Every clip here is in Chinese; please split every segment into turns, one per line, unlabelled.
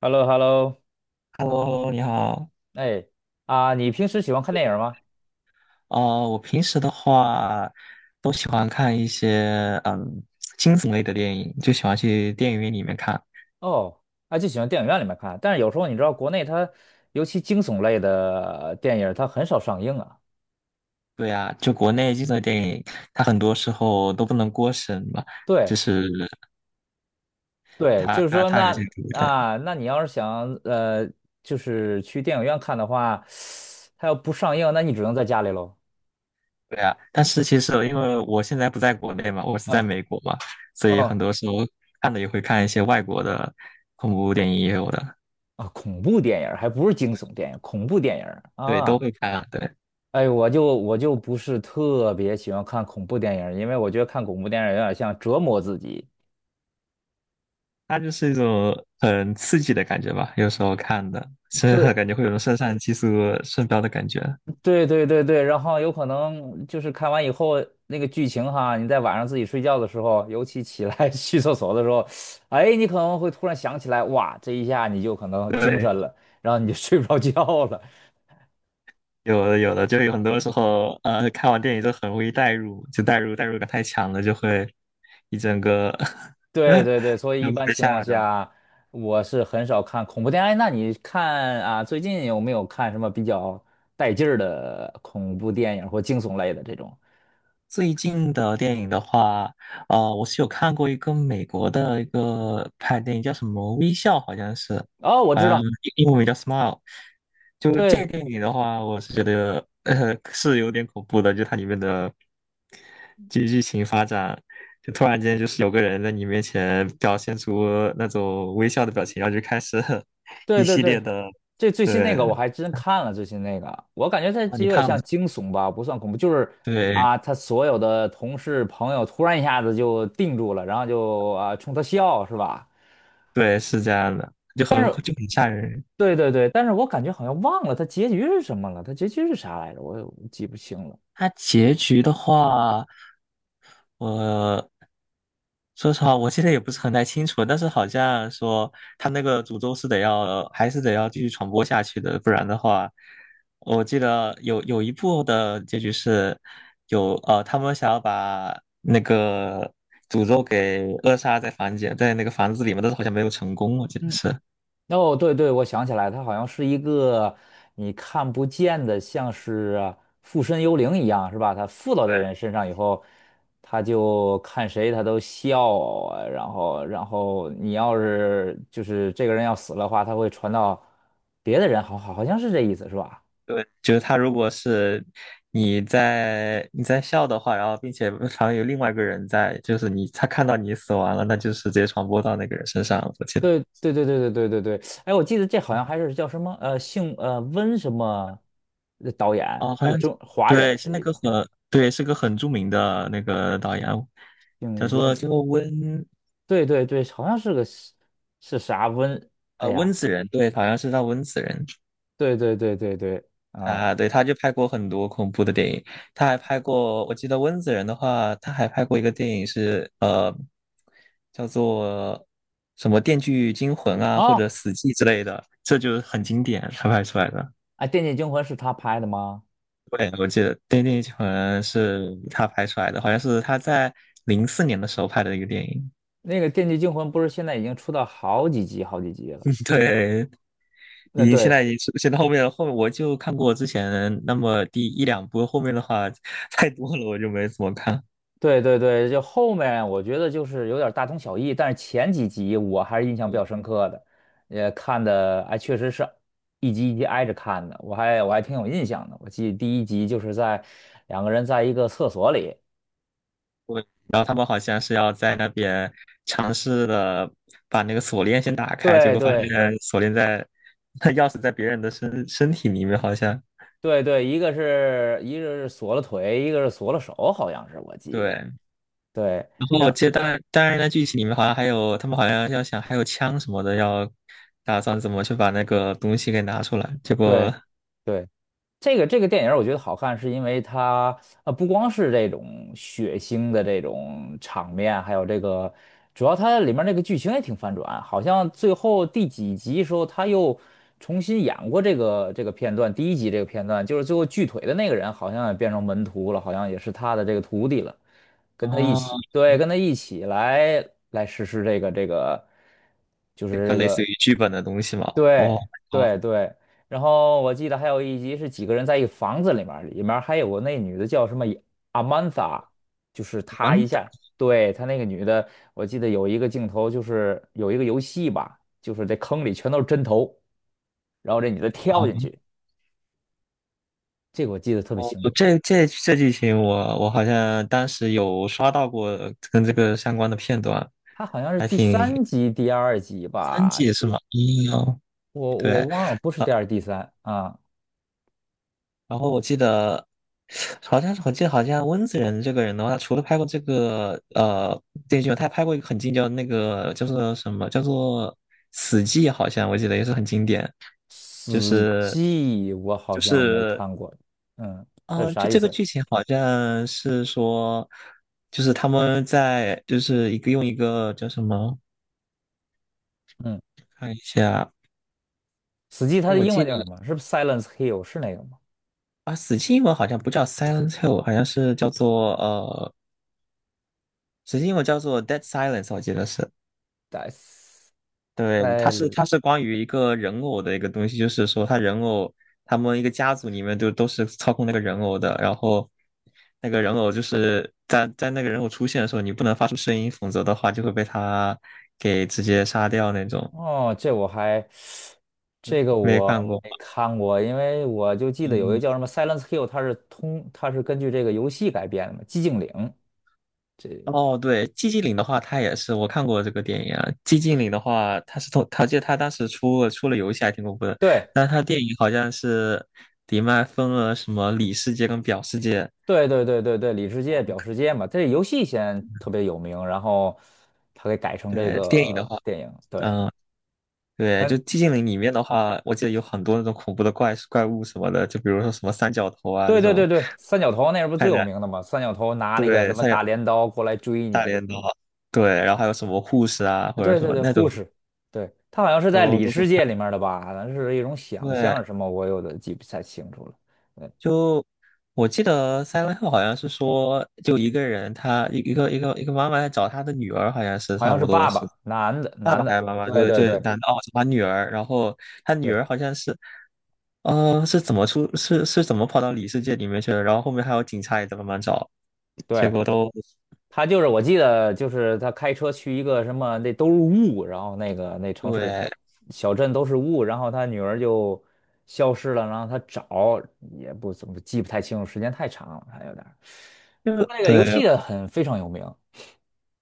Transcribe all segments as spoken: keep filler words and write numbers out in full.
h e l l o h e l l o
Hello，你好。
哎啊，你平时喜欢看电影吗？
呃，我平时的话都喜欢看一些嗯惊悚类的电影，就喜欢去电影院里面看。
哦，啊，就喜欢电影院里面看，但是有时候你知道国内它，尤其惊悚类的电影，它很少上映啊。
对啊，就国内惊悚的电影，它很多时候都不能过审嘛，
对
就是
对，
它
就是
它
说
它有些
那
独占。
啊，那你要是想呃，就是去电影院看的话，它要不上映，那你只能在家里喽。
对啊，但是其实因为我现在不在国内嘛，我是在
嗯
美国嘛，所以很
哦
多时候看的也会看一些外国的恐怖电影也有的，
啊，恐怖电影还不是惊悚电影，恐怖电影
对，都
啊。
会看啊，对。
哎，我就我就不是特别喜欢看恐怖电影儿因为我觉得看恐怖电影儿有点像折磨自己。
它就是一种很刺激的感觉吧，有时候看的，是
对
感觉会有种肾上激素升高的感觉。
对对对对，然后有可能就是看完以后那个剧情哈，你在晚上自己睡觉的时候，尤其起来 去厕所的时候，哎，你可能会突然想起来，哇，这一下你就可能精
对，
神了，然后你就 睡不着觉了。
有的有的，就有很多时候，呃，看完电影就很容易代入，就代入代入感太强了，就会一整个
对对对，所以
就
一
会
般
被
情况
吓着。
下，我是很少看恐怖片。哎，那你看啊，最近有没有看什么比较带劲儿的恐怖电影或惊悚类的这种？
最近的电影的话，呃，我是有看过一个美国的一个拍电影，叫什么《微笑》，好像是，
哦，我
好
知
像
道，
英文名叫《Smile》。就这
对
个电影的话，我是觉得呃 是有点恐怖的，就它里面的剧剧情发展，就突然间就是有个人在你面前表现出那种微笑的表情，然后就开始
对
一
对
系
对，
列的，
这最新那
对
个我还真看了，最新那个我感觉它
啊，
这
你
有点
看了吗
像惊悚吧，不算恐怖，就是
对
啊，他所有的同事朋友突然一下子就定住了，然后就啊冲他笑，是吧？
对，是这样的，就
但
很
是。
就很吓人。
对对对，但是我感觉好像忘了它结局是什么了，它结局是啥来着？我我记不清了。
它结局的话，我说实话，我记得也不是很太清楚，但是好像说他那个诅咒是得要，还是得要继续传播下去的，不然的话，我记得有有一部的结局是有呃，他们想要把那个诅咒给扼杀在房间，在那个房子里面，但是好像没有成功，我记得
嗯，
是。
哦，对对，我想起来，它好像是一个你看不见的，像是附身幽灵一样，是吧？它附到这
对
人身上以后，他就看谁他都笑啊，然后然后你要是就是这个人要死了的话，他会传到别的人，好好好像是这意思，是吧？
对，就是他如果是你在你在笑的话，然后并且旁边有另外一个人在，就是你他看到你死亡了，那就是直接传播到那个人身上了我记得
对对对对对对对对，哎，我记得这好像还是叫什么呃，姓呃温什么的导演
哦，好
是
像
中华
对，
人，
是
是
那
一个
个很对，是个很著名的那个导演，叫
姓
做
温，
叫做温
对对对，好像是个是是啥温，哎
呃温
呀，
子仁，对，好像是叫温子仁。
对对对对对啊
啊，对，他就拍过很多恐怖的电影，他还拍过，我记得温子仁的话，他还拍过一个电影是呃，叫做什么《电锯惊魂》啊，或
哦，
者《死寂》之类的，这就是很经典，他拍出来的。
哎，《电锯惊魂》是他拍的吗？
对，我记得《电锯惊魂》是他拍出来的，好像是他在零四年的时候拍的一个电影。
那个《电锯惊魂》不是现在已经出到好几集好几集了？
对，
那
已经现
对
在已经出现在后面了后面我就看过之前那么第一两部，后面的话 太多了，我就没怎么看。
对对对，就后面我觉得就是有点大同小异，但是前几集我还是印象比
嗯
较深刻的，也看的哎，确实是一集一集挨着看的，我还我还挺有印象的。我记得第一集就是在两个人在一个厕所里，
对，然后他们好像是要在那边尝试的把那个锁链先打开，结
对
果发
对
现锁链在 钥匙在别人的身身体里面，好像
对对，一个是一个是锁了腿，一个是锁了手，好像是我记得，
对。
对，
然后
让
接记得当然当然，那剧情里面好像还有他们好像要想还有枪什么的，要打算怎么去把那个东西给拿出来。结
对
果
对。这个这个电影儿我觉得好看，是因为它呃不光是这种血腥的这种场面，还有这个主要它里面那个剧情也挺反转，好像最后第几集时候他又重新演过这个这个片段，第一集这个片段就是最后锯腿的那个人好像也变成门徒了，好像也是他的这个徒弟了，跟他一
哦，
起，对，跟他一起来来实施这个这个就
这
是
个
这
类似
个。
于剧本的东西嘛，哦
对
哦，
对对，然后我记得还有一集是几个人在一个房子里面儿里面儿还有个那女的叫什么阿曼达，就是她
蛮
一
的
下，对，她那个女的，我记得有一个镜头就是有一个游戏吧，就是这坑里全都是针头，然后这女的跳进去，这个我记得特别
哦，
清
这
楚，
这这剧情我我好像当时有刷到过跟这个相关的片段，
她好像是
还
第
挺
三集、第二集
三
吧，
季是吗？嗯哦，
我
对。
我忘了，不是第二、第三啊，
然后我记得好像是我记得好像温子仁这个人的话，他除了拍过这个呃电视剧，他还拍过一个很经典的那个叫做什么叫做《死寂》，好像我记得也是很经典，就
死
是。
寂我好
就
像没
是
看过，嗯，它是
嗯，就
啥意
这
思？
个剧情好像是说，就是他们在就是一个用一个叫什么，
嗯。
看一下，
死寂它
就
的
我
英
记
文
得
叫什么？是不是 Silence Hill 是那个吗
啊，死记英文好像不叫 Silent Hill，好像是叫做呃，死记英文叫做 Dead Silence，我记得是。对，它是
？Silence
它是关于一个人偶的一个东西，就是说他人偶他们一个家族里面就都是操控那个人偶的，然后那个人偶就是在在那个人偶出现的时候，你不能发出声音，否则的话就会被他给直接杀掉那种。
哦，这我还这个
没
我
看过，
没看过，因为我就记得有一个
嗯，
叫什么 Silence Hill，它是通它是根据这个游戏改编的嘛，寂静岭。这
哦，对，寂静岭的话，它也是我看过这个电影啊。寂静岭的话，它是从，它记得它当时出了出了游戏还挺恐怖的，
对
但它电影好像是迪面还分了什么里世界跟表世界。
对对对对对，里世界表世界嘛，这游戏先特别有名，然后它给改成这
对，电影的
个
话。
电影。对，
嗯，对，就
嗯，
寂静岭里面的话，我记得有很多那种恐怖的怪怪物什么的，就比如说什么三角头啊这
对对对
种，
对，三角头那是不是最
看起
有
来
名的嘛？三角头拿了一个什
对
么
三角
大镰刀过来追
大
你。
镰刀，对，然后还有什么护士啊或者
对
什
对
么
对，
那种
护士，对，他好像是在
都
里
都
世界
很
里面的吧？好像是一种想象还
对。
是什么，我有点记不太清楚了。对，
就我记得 s i l 好像是说，就一个人他一一个一个一个妈妈在找他的女儿，好像是
好
差
像是
不多
爸
是
爸，男的，
爸爸
男
还是
的，
妈妈，
对
就
对
就
对
男的哦找他女儿，然后他女
对
儿好像是呃是怎么出是是怎么跑到里世界里面去了，然后后面还有警察也在慢慢找。结
对，
果都
他就是我记得就是他开车去一个什么，那都是雾，然后那个那城市
对，
小镇都是雾，然后他女儿就消失了，然后他找也不怎么记不太清楚，时间太长了，还有点儿
就
不过那个游
对
戏很非常有名。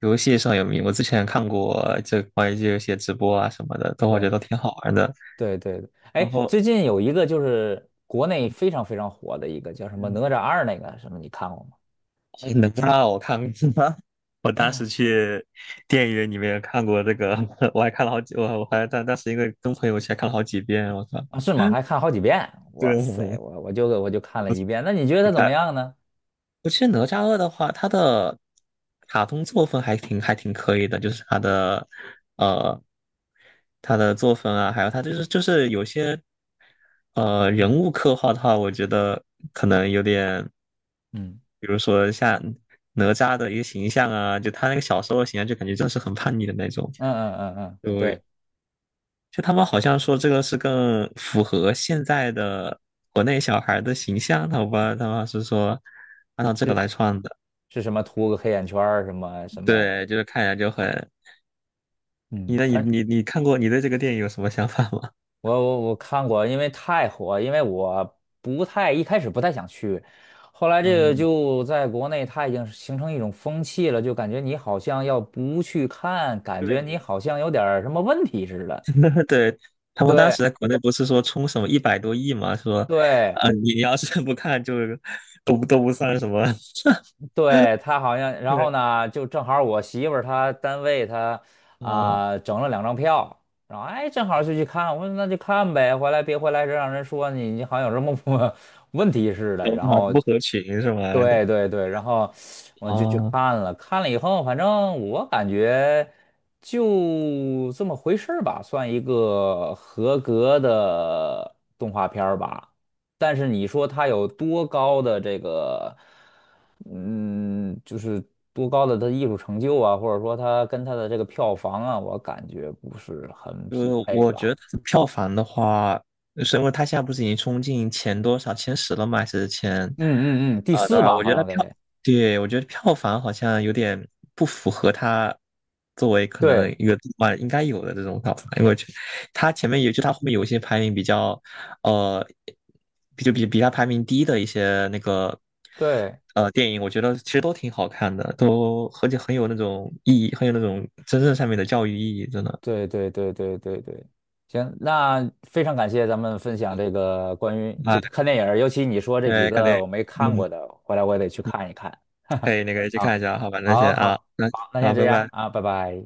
游戏上有名。我之前看过这关于这些直播啊什么的，都我觉
对。
得都挺好玩的。
对对对，
然
哎，最
后，
近有一个就是国内非常非常火的一个叫什么《哪
嗯，
吒二》那个什么，你看过吗？
哪吒我看过，我当时去电影院里面看过这个，我还看了好几，我我还但当时因为跟朋友一起还看了好几遍。我靠，
啊，是吗？还 看好几遍。
对，
哇塞，我我就我就看了一遍。那你觉得
你
它怎
看。
么样呢？
我记得哪吒二的话，他的卡通作风还挺还挺可以的，就是他的呃他的作风啊，还有他就是就是有些呃
嗯
人物刻画的话，我觉得可能有点，
嗯
比如说像哪吒的一个形象啊，就他那个小时候的形象，就感觉就是很叛逆的那种，
嗯嗯嗯，嗯，
就
对，
就他们好像说这个是更符合现在的国内小孩的形象，他我不知道他们是说按照这个
是
来创的。
是什么？涂个黑眼圈儿，什么什么？
对，就是看起来就很，你
嗯，
的你
反
你你看过你对这个电影有什么想法吗？
我我我看过，因为太火，因为我不太一开始不太想去，后来 这个
嗯，
就在国内，它已经是形成一种风气了，就感觉你好像要不去看，感
对，
觉你好像有点儿什么问题似的。
对，他们当
对
时在国内不是说冲什么一百多亿嘛，说，
对，
呃，你要是不看就都不都不算什么，
对，他好像，然
对
后呢，就正好我媳妇儿她单位她
啊，
啊、整了两张票，然后哎正好就去看，我说那就看呗，回来别回来这让人说你你好像有什么不 问题似的，
都
然后
不合群是吗？对
对对对，然后我就去
啊。
看了，看了以后反正我感觉就这么回事儿吧，算一个合格的动画片儿吧。但是你说他有多高的这个，嗯，就是多高的他艺术成就啊，或者说他跟他的这个票房啊，我感觉不是很
呃，
匹配
我觉
吧。
得票房的话，是因为它现在不是已经冲进前多少前十了吗？还是前
嗯嗯嗯，第
呃多
四
少？
吧，
我觉
好
得
像
票，
得。
对，我觉得票房好像有点不符合它作为可
对
能一个动漫应该有的这种票房，因为我觉得它前面也就它后面有一些排名比较呃，比就比比它排名低的一些那个呃电影，我觉得其实都挺好看的，都而且很有那种意义，很有那种真正上面的教育意义，真的。
对对对对对对对，行，那非常感谢咱们分享这个关于这个
啊
看电影儿尤其你说这
因
几
对，可能
个我没看
嗯，
过的，回来我也得去看一看。
可以那个 去看一
好，
下，好吧，那先
好，
啊，
好，
那
好，那先
好，
这
拜
样
拜。
啊，拜拜。